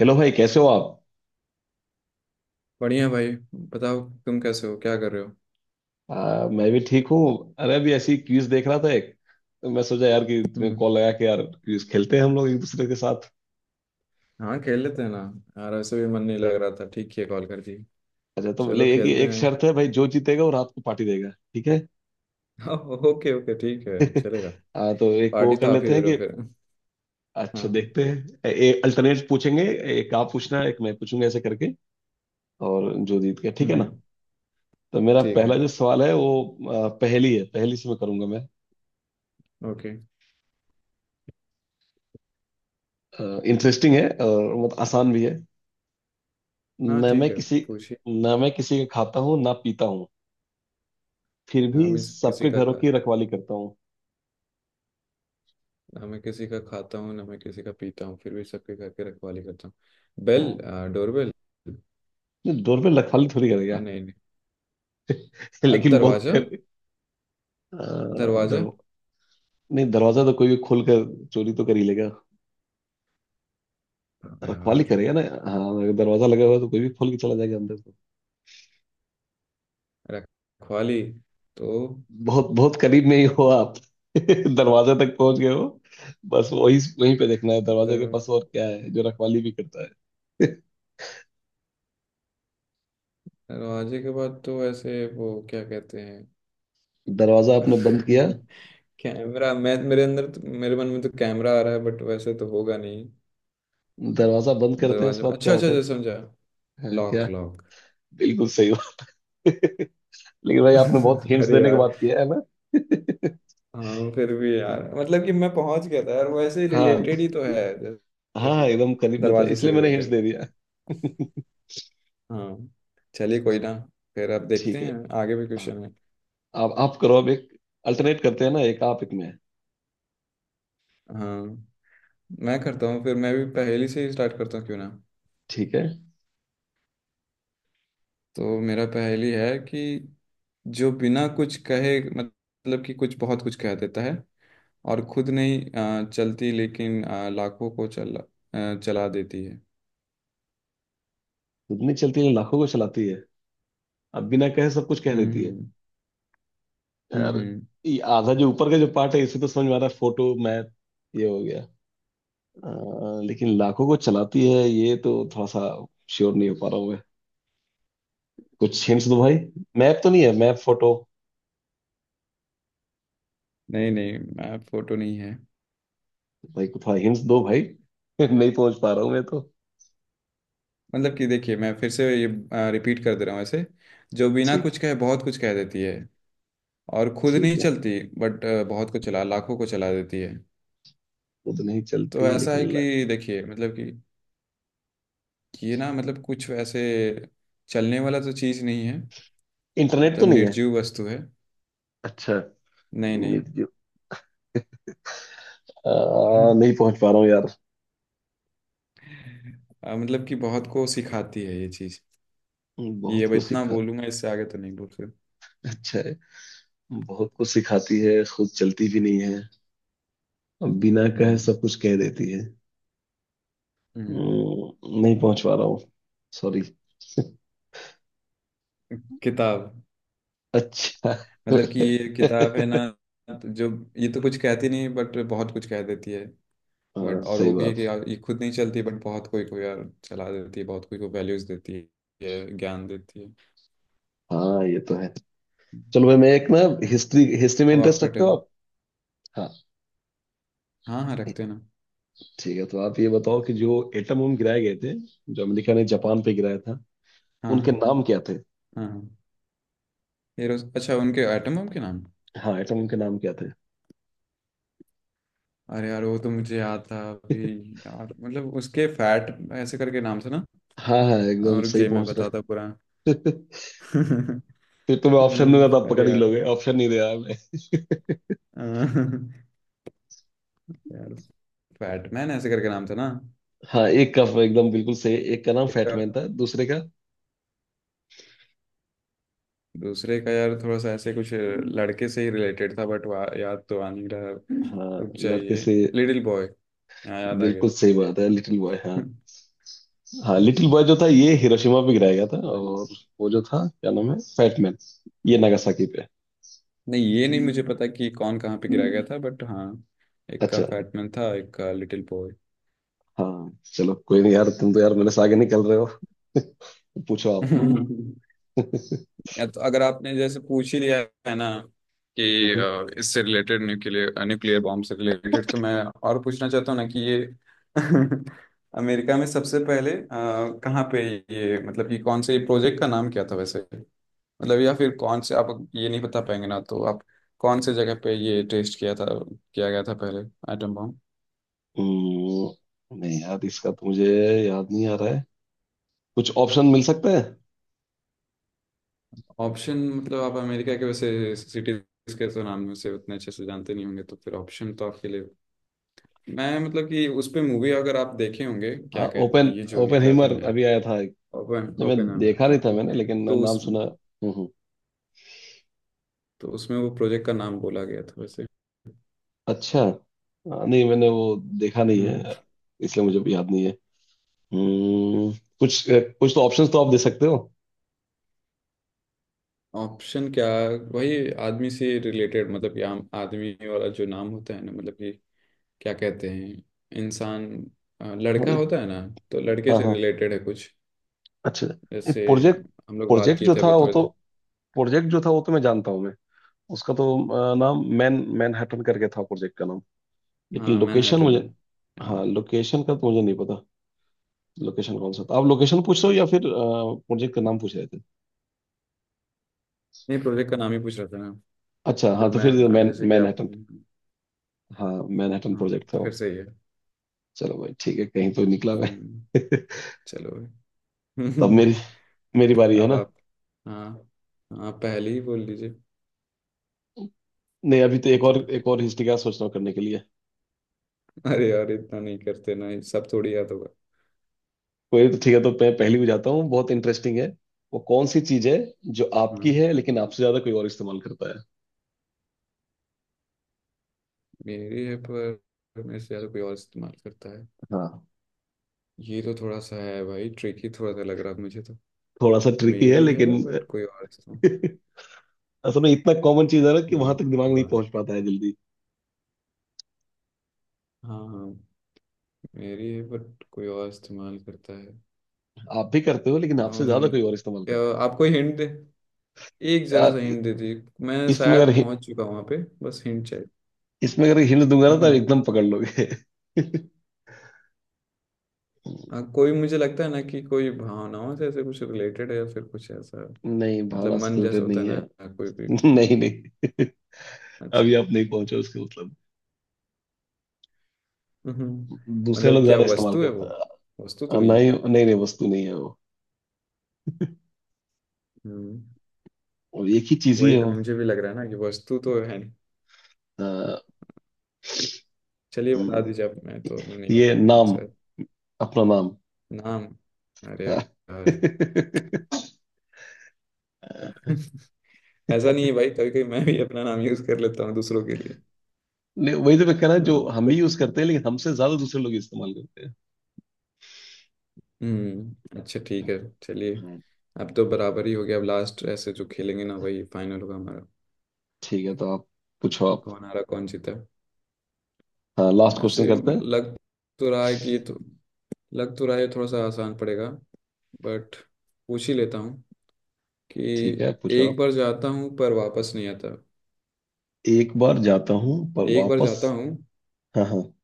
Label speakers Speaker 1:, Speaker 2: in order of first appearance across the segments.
Speaker 1: Hello भाई, कैसे हो आप?
Speaker 2: बढ़िया भाई, बताओ तुम कैसे हो, क्या कर रहे हो?
Speaker 1: मैं भी ठीक हूँ। अरे अभी ऐसी क्विज देख रहा था एक, तो मैं सोचा यार कि तुम्हें
Speaker 2: हम्म।
Speaker 1: कॉल लगा के, यार क्विज खेलते हैं हम लोग एक दूसरे के साथ।
Speaker 2: हाँ, खेल लेते हैं ना। यार ऐसे भी मन नहीं लग रहा था, ठीक है, कॉल कर दी।
Speaker 1: अच्छा तो ले,
Speaker 2: चलो
Speaker 1: एक
Speaker 2: खेलते
Speaker 1: एक
Speaker 2: हैं।
Speaker 1: शर्त है भाई, जो जीतेगा वो रात को पार्टी देगा, ठीक है?
Speaker 2: हाँ। ओके ओके, ठीक है, चलेगा।
Speaker 1: तो एक वो
Speaker 2: पार्टी
Speaker 1: कर
Speaker 2: तो आप ही
Speaker 1: लेते
Speaker 2: दे
Speaker 1: हैं
Speaker 2: रहे
Speaker 1: कि,
Speaker 2: हो फिर।
Speaker 1: अच्छा
Speaker 2: हाँ।
Speaker 1: देखते हैं, एक अल्टरनेट पूछेंगे। एक आप पूछना, एक मैं पूछूंगा ऐसे करके, और जो जीत गया, ठीक है ना।
Speaker 2: हम्म,
Speaker 1: तो मेरा
Speaker 2: ठीक है।
Speaker 1: पहला जो सवाल है वो पहेली है, पहेली से मैं करूंगा मैं।
Speaker 2: ओके।
Speaker 1: इंटरेस्टिंग है और बहुत आसान भी है।
Speaker 2: हाँ
Speaker 1: न मैं
Speaker 2: ठीक है,
Speaker 1: किसी
Speaker 2: पूछिए।
Speaker 1: न मैं किसी का खाता हूँ ना पीता हूँ, फिर
Speaker 2: ना
Speaker 1: भी
Speaker 2: मैं किसी
Speaker 1: सबके
Speaker 2: का
Speaker 1: घरों
Speaker 2: खा
Speaker 1: की रखवाली करता हूँ।
Speaker 2: ना मैं किसी का खाता हूँ, ना मैं किसी का पीता हूँ, फिर भी सबके घर के रखवाली करता हूँ। बेल।
Speaker 1: हाँ।
Speaker 2: डोरबेल।
Speaker 1: नहीं, डोर पे रखवाली थोड़ी करेगा।
Speaker 2: हाँ, नहीं नहीं।
Speaker 1: लेकिन बहुत
Speaker 2: दरवाजा।
Speaker 1: कर अ,
Speaker 2: दरवाजा।
Speaker 1: दर, नहीं, दरवाजा तो कोई भी खोल कर चोरी तो कर ही लेगा,
Speaker 2: हाँ
Speaker 1: रखवाली
Speaker 2: यार।
Speaker 1: करेगा ना। हाँ अगर दरवाजा लगा हुआ है तो कोई भी खोल के चला जाएगा अंदर तो।
Speaker 2: रखवाली तो।
Speaker 1: बहुत बहुत करीब में ही हो आप। दरवाजे तक पहुंच गए हो। बस वही वहीं पे देखना है, दरवाजे के
Speaker 2: दर
Speaker 1: पास और क्या है जो रखवाली भी करता है।
Speaker 2: दरवाजे के बाद तो ऐसे वो क्या कहते हैं?
Speaker 1: दरवाजा आपने बंद किया,
Speaker 2: कैमरा। मैं मेरे अंदर तो, मेरे मन में तो कैमरा आ रहा है, बट वैसे तो होगा नहीं।
Speaker 1: दरवाजा बंद करते हैं,
Speaker 2: दरवाजे,
Speaker 1: उसके बाद क्या
Speaker 2: अच्छा अच्छा
Speaker 1: होता है?
Speaker 2: अच्छा, समझा।
Speaker 1: हाँ, क्या?
Speaker 2: Lock, lock.
Speaker 1: बिल्कुल सही हो। लेकिन भाई आपने बहुत हिंट्स
Speaker 2: अरे
Speaker 1: देने के
Speaker 2: यार।
Speaker 1: बाद किया है ना।
Speaker 2: हाँ, फिर भी यार मतलब कि मैं पहुंच गया था यार, वो ऐसे
Speaker 1: हाँ
Speaker 2: रिलेटेड ही तो है, जैसे
Speaker 1: हाँ हाँ,
Speaker 2: कि
Speaker 1: एकदम करीब में था
Speaker 2: दरवाजे से
Speaker 1: इसलिए मैंने हिंट्स
Speaker 2: रिलेटेड।
Speaker 1: दे दिया।
Speaker 2: हाँ। चलिए, कोई ना। फिर अब देखते
Speaker 1: ठीक है।
Speaker 2: हैं, आगे भी
Speaker 1: हाँ,
Speaker 2: क्वेश्चन है।
Speaker 1: आप करो अब एक, अल्टरनेट करते हैं ना, एक आप एक मैं।
Speaker 2: हाँ, मैं करता हूँ, फिर मैं भी पहेली से ही स्टार्ट करता हूँ क्यों ना।
Speaker 1: ठीक है।
Speaker 2: तो मेरा पहेली है कि जो बिना कुछ कहे, मतलब कि कुछ बहुत कुछ कह देता है, और खुद नहीं चलती, लेकिन लाखों को चला देती है।
Speaker 1: उतनी चलती है, लाखों को चलाती है, अब बिना कहे सब कुछ कह देती है
Speaker 2: हम्म।
Speaker 1: यार।
Speaker 2: हम्म हम्म।
Speaker 1: ये आधा जो ऊपर का जो पार्ट है इसे तो समझ में आ रहा है, फोटो मैथ ये हो गया। लेकिन लाखों को चलाती है ये तो थोड़ा सा श्योर नहीं हो पा रहा हूँ मैं। कुछ हिंट्स दो भाई। मैप तो नहीं है, मैप फोटो?
Speaker 2: नहीं नहीं, मैं फोटो नहीं है।
Speaker 1: भाई कुछ हिंट्स दो भाई। नहीं पहुंच पा रहा हूँ मैं तो।
Speaker 2: मतलब कि देखिए, मैं फिर से ये रिपीट कर दे रहा हूँ ऐसे। जो बिना
Speaker 1: ठीक
Speaker 2: कुछ
Speaker 1: है,
Speaker 2: कहे बहुत कुछ कह देती है, और खुद नहीं
Speaker 1: ठीक है।
Speaker 2: चलती, बट बहुत को चला लाखों को चला देती है।
Speaker 1: वो तो नहीं
Speaker 2: तो
Speaker 1: चलती।
Speaker 2: ऐसा है कि देखिए, मतलब कि ये ना, मतलब कुछ वैसे चलने वाला तो चीज़ नहीं है,
Speaker 1: इंटरनेट तो
Speaker 2: मतलब
Speaker 1: नहीं है?
Speaker 2: निर्जीव वस्तु है।
Speaker 1: अच्छा।
Speaker 2: नहीं नहीं।
Speaker 1: निर्जीव?
Speaker 2: हम्म।
Speaker 1: नहीं पहुंच पा रहा हूँ यार।
Speaker 2: मतलब कि बहुत को सिखाती है ये चीज। ये
Speaker 1: बहुत
Speaker 2: अब
Speaker 1: कुछ
Speaker 2: इतना
Speaker 1: सिखा?
Speaker 2: बोलूंगा, इससे आगे तो नहीं बोल सकता।
Speaker 1: अच्छा है। बहुत कुछ सिखाती है, खुद चलती भी नहीं है, बिना कहे
Speaker 2: हम्म
Speaker 1: सब कुछ कह देती है।
Speaker 2: हम्म।
Speaker 1: नहीं पहुंच पा रहा हूँ। सॉरी।
Speaker 2: किताब।
Speaker 1: अच्छा।
Speaker 2: मतलब कि ये किताब है ना। तो जो, ये तो कुछ कहती नहीं, बट बहुत कुछ कह देती है।
Speaker 1: हाँ,
Speaker 2: बट और
Speaker 1: सही
Speaker 2: वो भी है
Speaker 1: बात
Speaker 2: कि
Speaker 1: है।
Speaker 2: यार ये खुद नहीं चलती, बट बहुत कोई को यार चला देती है, बहुत कोई को वैल्यूज देती है, ज्ञान देती है।
Speaker 1: हाँ, ये तो है। चलो भाई, मैं एक ना, हिस्ट्री हिस्ट्री में
Speaker 2: अब
Speaker 1: इंटरेस्ट
Speaker 2: आपका
Speaker 1: रखते हो
Speaker 2: टर्न।
Speaker 1: आप? हाँ,
Speaker 2: हाँ हाँ, रखते हैं ना।
Speaker 1: ठीक है तो आप ये बताओ कि जो एटम बम गिराए गए थे, जो अमेरिका ने जापान पे गिराया था,
Speaker 2: हाँ
Speaker 1: उनके
Speaker 2: हाँ।
Speaker 1: नाम क्या थे?
Speaker 2: हाँ हाँ। ये रोज, अच्छा उनके आइटम के नाम।
Speaker 1: हाँ, एटम बम के नाम क्या थे?
Speaker 2: अरे यार, वो तो मुझे याद था अभी। यार मतलब उसके फैट ऐसे करके नाम से ना।
Speaker 1: हाँ हाँ, एकदम
Speaker 2: और रुक
Speaker 1: सही
Speaker 2: जाइए, मैं
Speaker 1: पहुंच रहे हो।
Speaker 2: बताता पूरा।
Speaker 1: फिर तुम्हें ऑप्शन दूंगा तो आप
Speaker 2: अरे
Speaker 1: पकड़ ही
Speaker 2: यार।
Speaker 1: लोगे, ऑप्शन नहीं दे रहा मैं।
Speaker 2: अह, यार फैटमैन ऐसे करके नाम था ना।
Speaker 1: हाँ, एक का एकदम बिल्कुल सही, एक का नाम
Speaker 2: एक का,
Speaker 1: फैटमैन था, दूसरे का?
Speaker 2: दूसरे का यार थोड़ा सा ऐसे कुछ लड़के से ही रिलेटेड था, बट याद तो आ नहीं रहा।
Speaker 1: हाँ,
Speaker 2: रुक
Speaker 1: लड़के
Speaker 2: जाइए।
Speaker 1: से।
Speaker 2: लिटिल बॉय, यहाँ याद आ गया।
Speaker 1: बिल्कुल सही बात है, लिटिल बॉय। हाँ। हाँ, लिटिल बॉय जो था ये हिरोशिमा पे गिराया गया था,
Speaker 2: वही।
Speaker 1: और वो जो था क्या नाम है, फैटमैन, ये नागासाकी पे।
Speaker 2: नहीं, ये नहीं मुझे पता कि कौन कहाँ पे गिरा गया था, बट हाँ, एक का
Speaker 1: अच्छा
Speaker 2: फैटमैन था, एक का लिटिल बॉय।
Speaker 1: हाँ, चलो कोई नहीं यार, तुम तो यार मेरे से आगे निकल रहे हो। पूछो
Speaker 2: या तो अगर आपने जैसे पूछ ही लिया है ना कि
Speaker 1: आप।
Speaker 2: इससे रिलेटेड, न्यूक्लियर न्यूक्लियर बॉम्ब से रिलेटेड, तो मैं और पूछना चाहता हूँ ना कि ये अमेरिका में सबसे पहले कहाँ पे, ये मतलब कि कौन से प्रोजेक्ट का नाम क्या था वैसे, मतलब या फिर कौन से आप, ये नहीं बता पाएंगे ना तो आप कौन से जगह पे ये टेस्ट किया गया था पहले एटम बॉम्ब?
Speaker 1: नहीं यार, इसका तो मुझे याद नहीं आ रहा है। कुछ ऑप्शन मिल सकते हैं?
Speaker 2: ऑप्शन मतलब आप अमेरिका के वैसे सिटीज के तो नाम में से उतने अच्छे से जानते नहीं होंगे, तो फिर ऑप्शन तो आपके लिए। मैं मतलब कि उस पे मूवी अगर आप देखे होंगे,
Speaker 1: हाँ,
Speaker 2: क्या कहते हैं
Speaker 1: ओपन
Speaker 2: ये जो
Speaker 1: ओपन
Speaker 2: निकला था
Speaker 1: हीमर
Speaker 2: नया?
Speaker 1: अभी आया था एक।
Speaker 2: ओपन
Speaker 1: नहीं,
Speaker 2: ओपन,
Speaker 1: मैं देखा
Speaker 2: हाँ
Speaker 1: नहीं था
Speaker 2: हाँ।
Speaker 1: मैंने, लेकिन
Speaker 2: तो
Speaker 1: नाम
Speaker 2: उस,
Speaker 1: सुना है।
Speaker 2: तो उसमें वो प्रोजेक्ट का नाम बोला गया था वैसे।
Speaker 1: अच्छा हाँ, नहीं मैंने वो देखा नहीं
Speaker 2: हम्म।
Speaker 1: है, इसलिए मुझे भी याद नहीं है। हम्म। कुछ कुछ तो ऑप्शंस तो आप दे सकते हो।
Speaker 2: ऑप्शन क्या, वही आदमी से रिलेटेड, मतलब कि आम आदमी वाला जो नाम होता है ना, मतलब कि क्या कहते हैं, इंसान,
Speaker 1: हाँ
Speaker 2: लड़का
Speaker 1: जी।
Speaker 2: होता है ना, तो लड़के
Speaker 1: हाँ
Speaker 2: से
Speaker 1: हाँ,
Speaker 2: रिलेटेड है कुछ।
Speaker 1: अच्छा, नहीं,
Speaker 2: जैसे
Speaker 1: प्रोजेक्ट?
Speaker 2: हम लोग बात
Speaker 1: प्रोजेक्ट
Speaker 2: किए
Speaker 1: जो
Speaker 2: थे
Speaker 1: था
Speaker 2: अभी
Speaker 1: वो
Speaker 2: थोड़े
Speaker 1: तो
Speaker 2: देर।
Speaker 1: प्रोजेक्ट जो था वो तो मैं जानता हूँ मैं। उसका तो नाम, मैनहट्टन करके था प्रोजेक्ट का नाम। लेकिन
Speaker 2: हाँ,
Speaker 1: लोकेशन
Speaker 2: मैनहट्टन
Speaker 1: मुझे,
Speaker 2: यार।
Speaker 1: हाँ लोकेशन का तो मुझे नहीं पता। लोकेशन कौन सा था, आप लोकेशन पूछ रहे हो या फिर प्रोजेक्ट का नाम पूछ रहे थे?
Speaker 2: नहीं, प्रोजेक्ट का नाम ही पूछ रहा था ना।
Speaker 1: अच्छा
Speaker 2: फिर
Speaker 1: हाँ, तो फिर
Speaker 2: मैं, जैसे कि आप।
Speaker 1: मैनहट्टन। हाँ, मैनहट्टन
Speaker 2: हाँ
Speaker 1: प्रोजेक्ट था
Speaker 2: तो फिर
Speaker 1: वो।
Speaker 2: सही है।
Speaker 1: चलो भाई ठीक है, कहीं तो निकला
Speaker 2: हम्म।
Speaker 1: मैं।
Speaker 2: चलो
Speaker 1: तो अब
Speaker 2: भाई।
Speaker 1: मेरी मेरी बारी है
Speaker 2: अब
Speaker 1: ना।
Speaker 2: आप, हाँ हाँ, पहले ही बोल लीजिए।
Speaker 1: नहीं, अभी तो
Speaker 2: अब
Speaker 1: एक
Speaker 2: तो,
Speaker 1: और एक और हिस्ट्री का सोच रहा हूँ करने के लिए।
Speaker 2: अरे यार इतना नहीं करते ना, ये सब थोड़ी याद होगा।
Speaker 1: कोई तो, ठीक है तो मैं पहली भी जाता हूँ, बहुत इंटरेस्टिंग है। वो कौन सी चीज है जो आपकी
Speaker 2: हम्म।
Speaker 1: है लेकिन आपसे ज्यादा कोई और इस्तेमाल करता है?
Speaker 2: मेरी है, पर मेरे से ज़्यादा कोई और इस्तेमाल करता है?
Speaker 1: हाँ,
Speaker 2: ये तो थोड़ा सा है भाई, ट्रिकी थोड़ा सा लग रहा है मुझे तो।
Speaker 1: थोड़ा सा ट्रिकी है,
Speaker 2: मेरी
Speaker 1: लेकिन
Speaker 2: है बट कोई और इस्तेमाल,
Speaker 1: असल में इतना कॉमन चीज है ना कि
Speaker 2: ये
Speaker 1: वहां तक दिमाग नहीं
Speaker 2: भगवान?
Speaker 1: पहुंच पाता है जल्दी।
Speaker 2: हाँ हाँ, मेरी है बट कोई और इस्तेमाल करता है।
Speaker 1: आप भी करते हो लेकिन आपसे ज्यादा
Speaker 2: um,
Speaker 1: कोई और इस्तेमाल
Speaker 2: क्या-
Speaker 1: करता
Speaker 2: आपको हिंट दे, एक
Speaker 1: है।
Speaker 2: जरा सा
Speaker 1: यार,
Speaker 2: हिंट दे दीजिए, मैं
Speaker 1: इसमें अगर
Speaker 2: शायद
Speaker 1: हि-
Speaker 2: पहुंच चुका हूँ वहां पे, बस हिंट चाहिए।
Speaker 1: इसमें अगर हिंट दूंगा ना तो आप
Speaker 2: हम्म।
Speaker 1: एकदम पकड़ लोगे।
Speaker 2: हाँ, कोई, मुझे लगता है ना कि कोई भावनाओं से ऐसे कुछ रिलेटेड है या फिर कुछ ऐसा,
Speaker 1: नहीं,
Speaker 2: मतलब
Speaker 1: भावना से
Speaker 2: मन जैसा
Speaker 1: रिलेटेड
Speaker 2: होता है
Speaker 1: नहीं है।
Speaker 2: ना, कोई कोई का।
Speaker 1: नहीं नहीं। अभी
Speaker 2: अच्छा।
Speaker 1: आप नहीं पहुंचे उसके मतलब।
Speaker 2: हम्म।
Speaker 1: दूसरे लोग
Speaker 2: मतलब क्या
Speaker 1: ज्यादा इस्तेमाल
Speaker 2: वस्तु है वो,
Speaker 1: करता
Speaker 2: वस्तु तो
Speaker 1: है।
Speaker 2: नहीं?
Speaker 1: नहीं नहीं नहीं, वस्तु नहीं है वो।
Speaker 2: हम्म,
Speaker 1: और एक ही चीज ही
Speaker 2: वही
Speaker 1: है
Speaker 2: तो
Speaker 1: वो।
Speaker 2: मुझे भी लग रहा है ना कि वस्तु तो है नहीं।
Speaker 1: अ,
Speaker 2: चलिए बता
Speaker 1: हम्म,
Speaker 2: दीजिए आप, मैं तो नहीं बता
Speaker 1: ये
Speaker 2: पाऊंगा
Speaker 1: नाम,
Speaker 2: शायद।
Speaker 1: अपना नाम।
Speaker 2: नाम? अरे यार। ऐसा नहीं है भाई, कभी कभी मैं भी अपना नाम यूज कर लेता हूँ दूसरों के लिए।
Speaker 1: नहीं, वही तो मैं कह रहा, जो हम
Speaker 2: हाँ।
Speaker 1: भी यूज करते हैं लेकिन हमसे ज्यादा दूसरे लोग इस्तेमाल करते हैं।
Speaker 2: अच्छा, ठीक है, चलिए।
Speaker 1: हाँ,
Speaker 2: अब तो बराबर ही हो गया, अब लास्ट ऐसे जो खेलेंगे ना वही फाइनल होगा हमारा,
Speaker 1: ठीक है तो आप पूछो आप।
Speaker 2: कौन हारा कौन जीता।
Speaker 1: हाँ, लास्ट क्वेश्चन
Speaker 2: ऐसे
Speaker 1: करते हैं।
Speaker 2: लग तो रहा है कि ये तो, लग तो रहा है थोड़ा सा आसान पड़ेगा, बट पूछ ही लेता हूँ। कि
Speaker 1: ठीक है, पूछो
Speaker 2: एक
Speaker 1: आप।
Speaker 2: बार जाता हूँ पर वापस नहीं आता।
Speaker 1: एक बार जाता हूँ पर
Speaker 2: एक बार
Speaker 1: वापस।
Speaker 2: जाता हूँ,
Speaker 1: हाँ हाँ।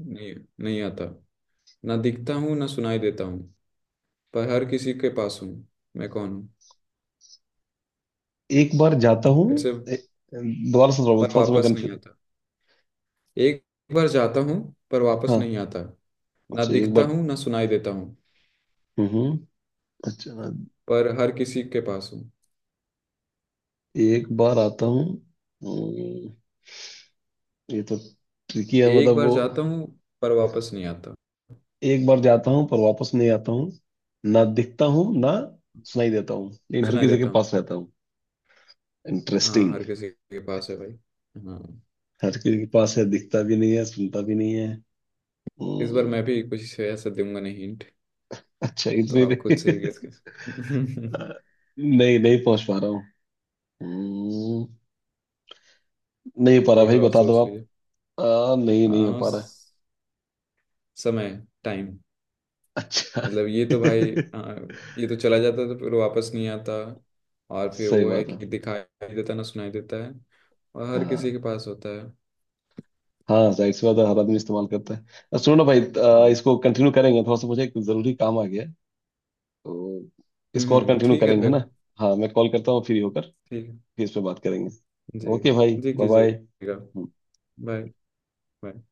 Speaker 2: नहीं, नहीं आता, ना दिखता हूँ ना सुनाई देता हूँ, पर हर किसी के पास हूँ, मैं कौन हूँ?
Speaker 1: एक बार जाता हूँ,
Speaker 2: फिर से।
Speaker 1: दोबारा से दोबारा
Speaker 2: पर
Speaker 1: थोड़ा सा मैं
Speaker 2: वापस नहीं
Speaker 1: कंफ्यूज।
Speaker 2: आता। एक बार जाता हूँ पर वापस
Speaker 1: हाँ।
Speaker 2: नहीं आता, ना
Speaker 1: अच्छा, एक
Speaker 2: दिखता
Speaker 1: बार।
Speaker 2: हूँ ना सुनाई देता हूँ,
Speaker 1: हम्म। अच्छा,
Speaker 2: पर हर किसी के पास हूँ।
Speaker 1: एक बार आता हूँ। हम्म, ये तो ट्रिकी है
Speaker 2: एक
Speaker 1: मतलब
Speaker 2: बार
Speaker 1: वो,
Speaker 2: जाता हूँ पर वापस नहीं आता,
Speaker 1: एक बार जाता हूँ पर वापस नहीं आता हूँ, ना दिखता हूँ ना सुनाई देता हूँ, लेकिन हर
Speaker 2: सुनाई
Speaker 1: किसी के
Speaker 2: देता हूँ।
Speaker 1: पास रहता हूँ।
Speaker 2: हाँ,
Speaker 1: इंटरेस्टिंग।
Speaker 2: हर किसी के पास है भाई। हाँ।
Speaker 1: हर किसी के पास है, दिखता भी नहीं है, सुनता भी नहीं है।
Speaker 2: इस बार
Speaker 1: हम्म,
Speaker 2: मैं भी कुछ ऐसा दूंगा नहीं हिंट,
Speaker 1: अच्छा,
Speaker 2: तो आप खुद से ही गेस कर।
Speaker 1: नहीं, नहीं पहुंच पा रहा हूँ। हम्म, नहीं हो पा रहा
Speaker 2: एक
Speaker 1: भाई,
Speaker 2: बार और
Speaker 1: बता दो
Speaker 2: सोच
Speaker 1: आप।
Speaker 2: लीजिए।
Speaker 1: नहीं, नहीं हो
Speaker 2: हाँ,
Speaker 1: पा रहा है।
Speaker 2: समय, टाइम।
Speaker 1: अच्छा।
Speaker 2: मतलब ये तो भाई, हाँ, ये तो चला जाता तो फिर वापस नहीं आता, और फिर
Speaker 1: सही
Speaker 2: वो है
Speaker 1: बात है।
Speaker 2: कि दिखाई देता ना सुनाई देता है, और हर किसी
Speaker 1: हाँ।
Speaker 2: के पास होता है।
Speaker 1: हाँ, जाहिर सी बात है, हर आदमी इस्तेमाल करता है। अब सुनो ना भाई,
Speaker 2: हम्म
Speaker 1: इसको कंटिन्यू करेंगे थोड़ा सा, मुझे एक जरूरी काम आ गया है। तो
Speaker 2: हम्म।
Speaker 1: इसको और कंटिन्यू
Speaker 2: ठीक है
Speaker 1: करेंगे, है
Speaker 2: फिर।
Speaker 1: ना? हाँ, मैं कॉल करता हूँ फ्री होकर,
Speaker 2: ठीक है।
Speaker 1: फिर इस पे बात करेंगे।
Speaker 2: जी।
Speaker 1: ओके भाई,
Speaker 2: जी
Speaker 1: बाय बाय।
Speaker 2: कीजिएगा। बाय। बाय।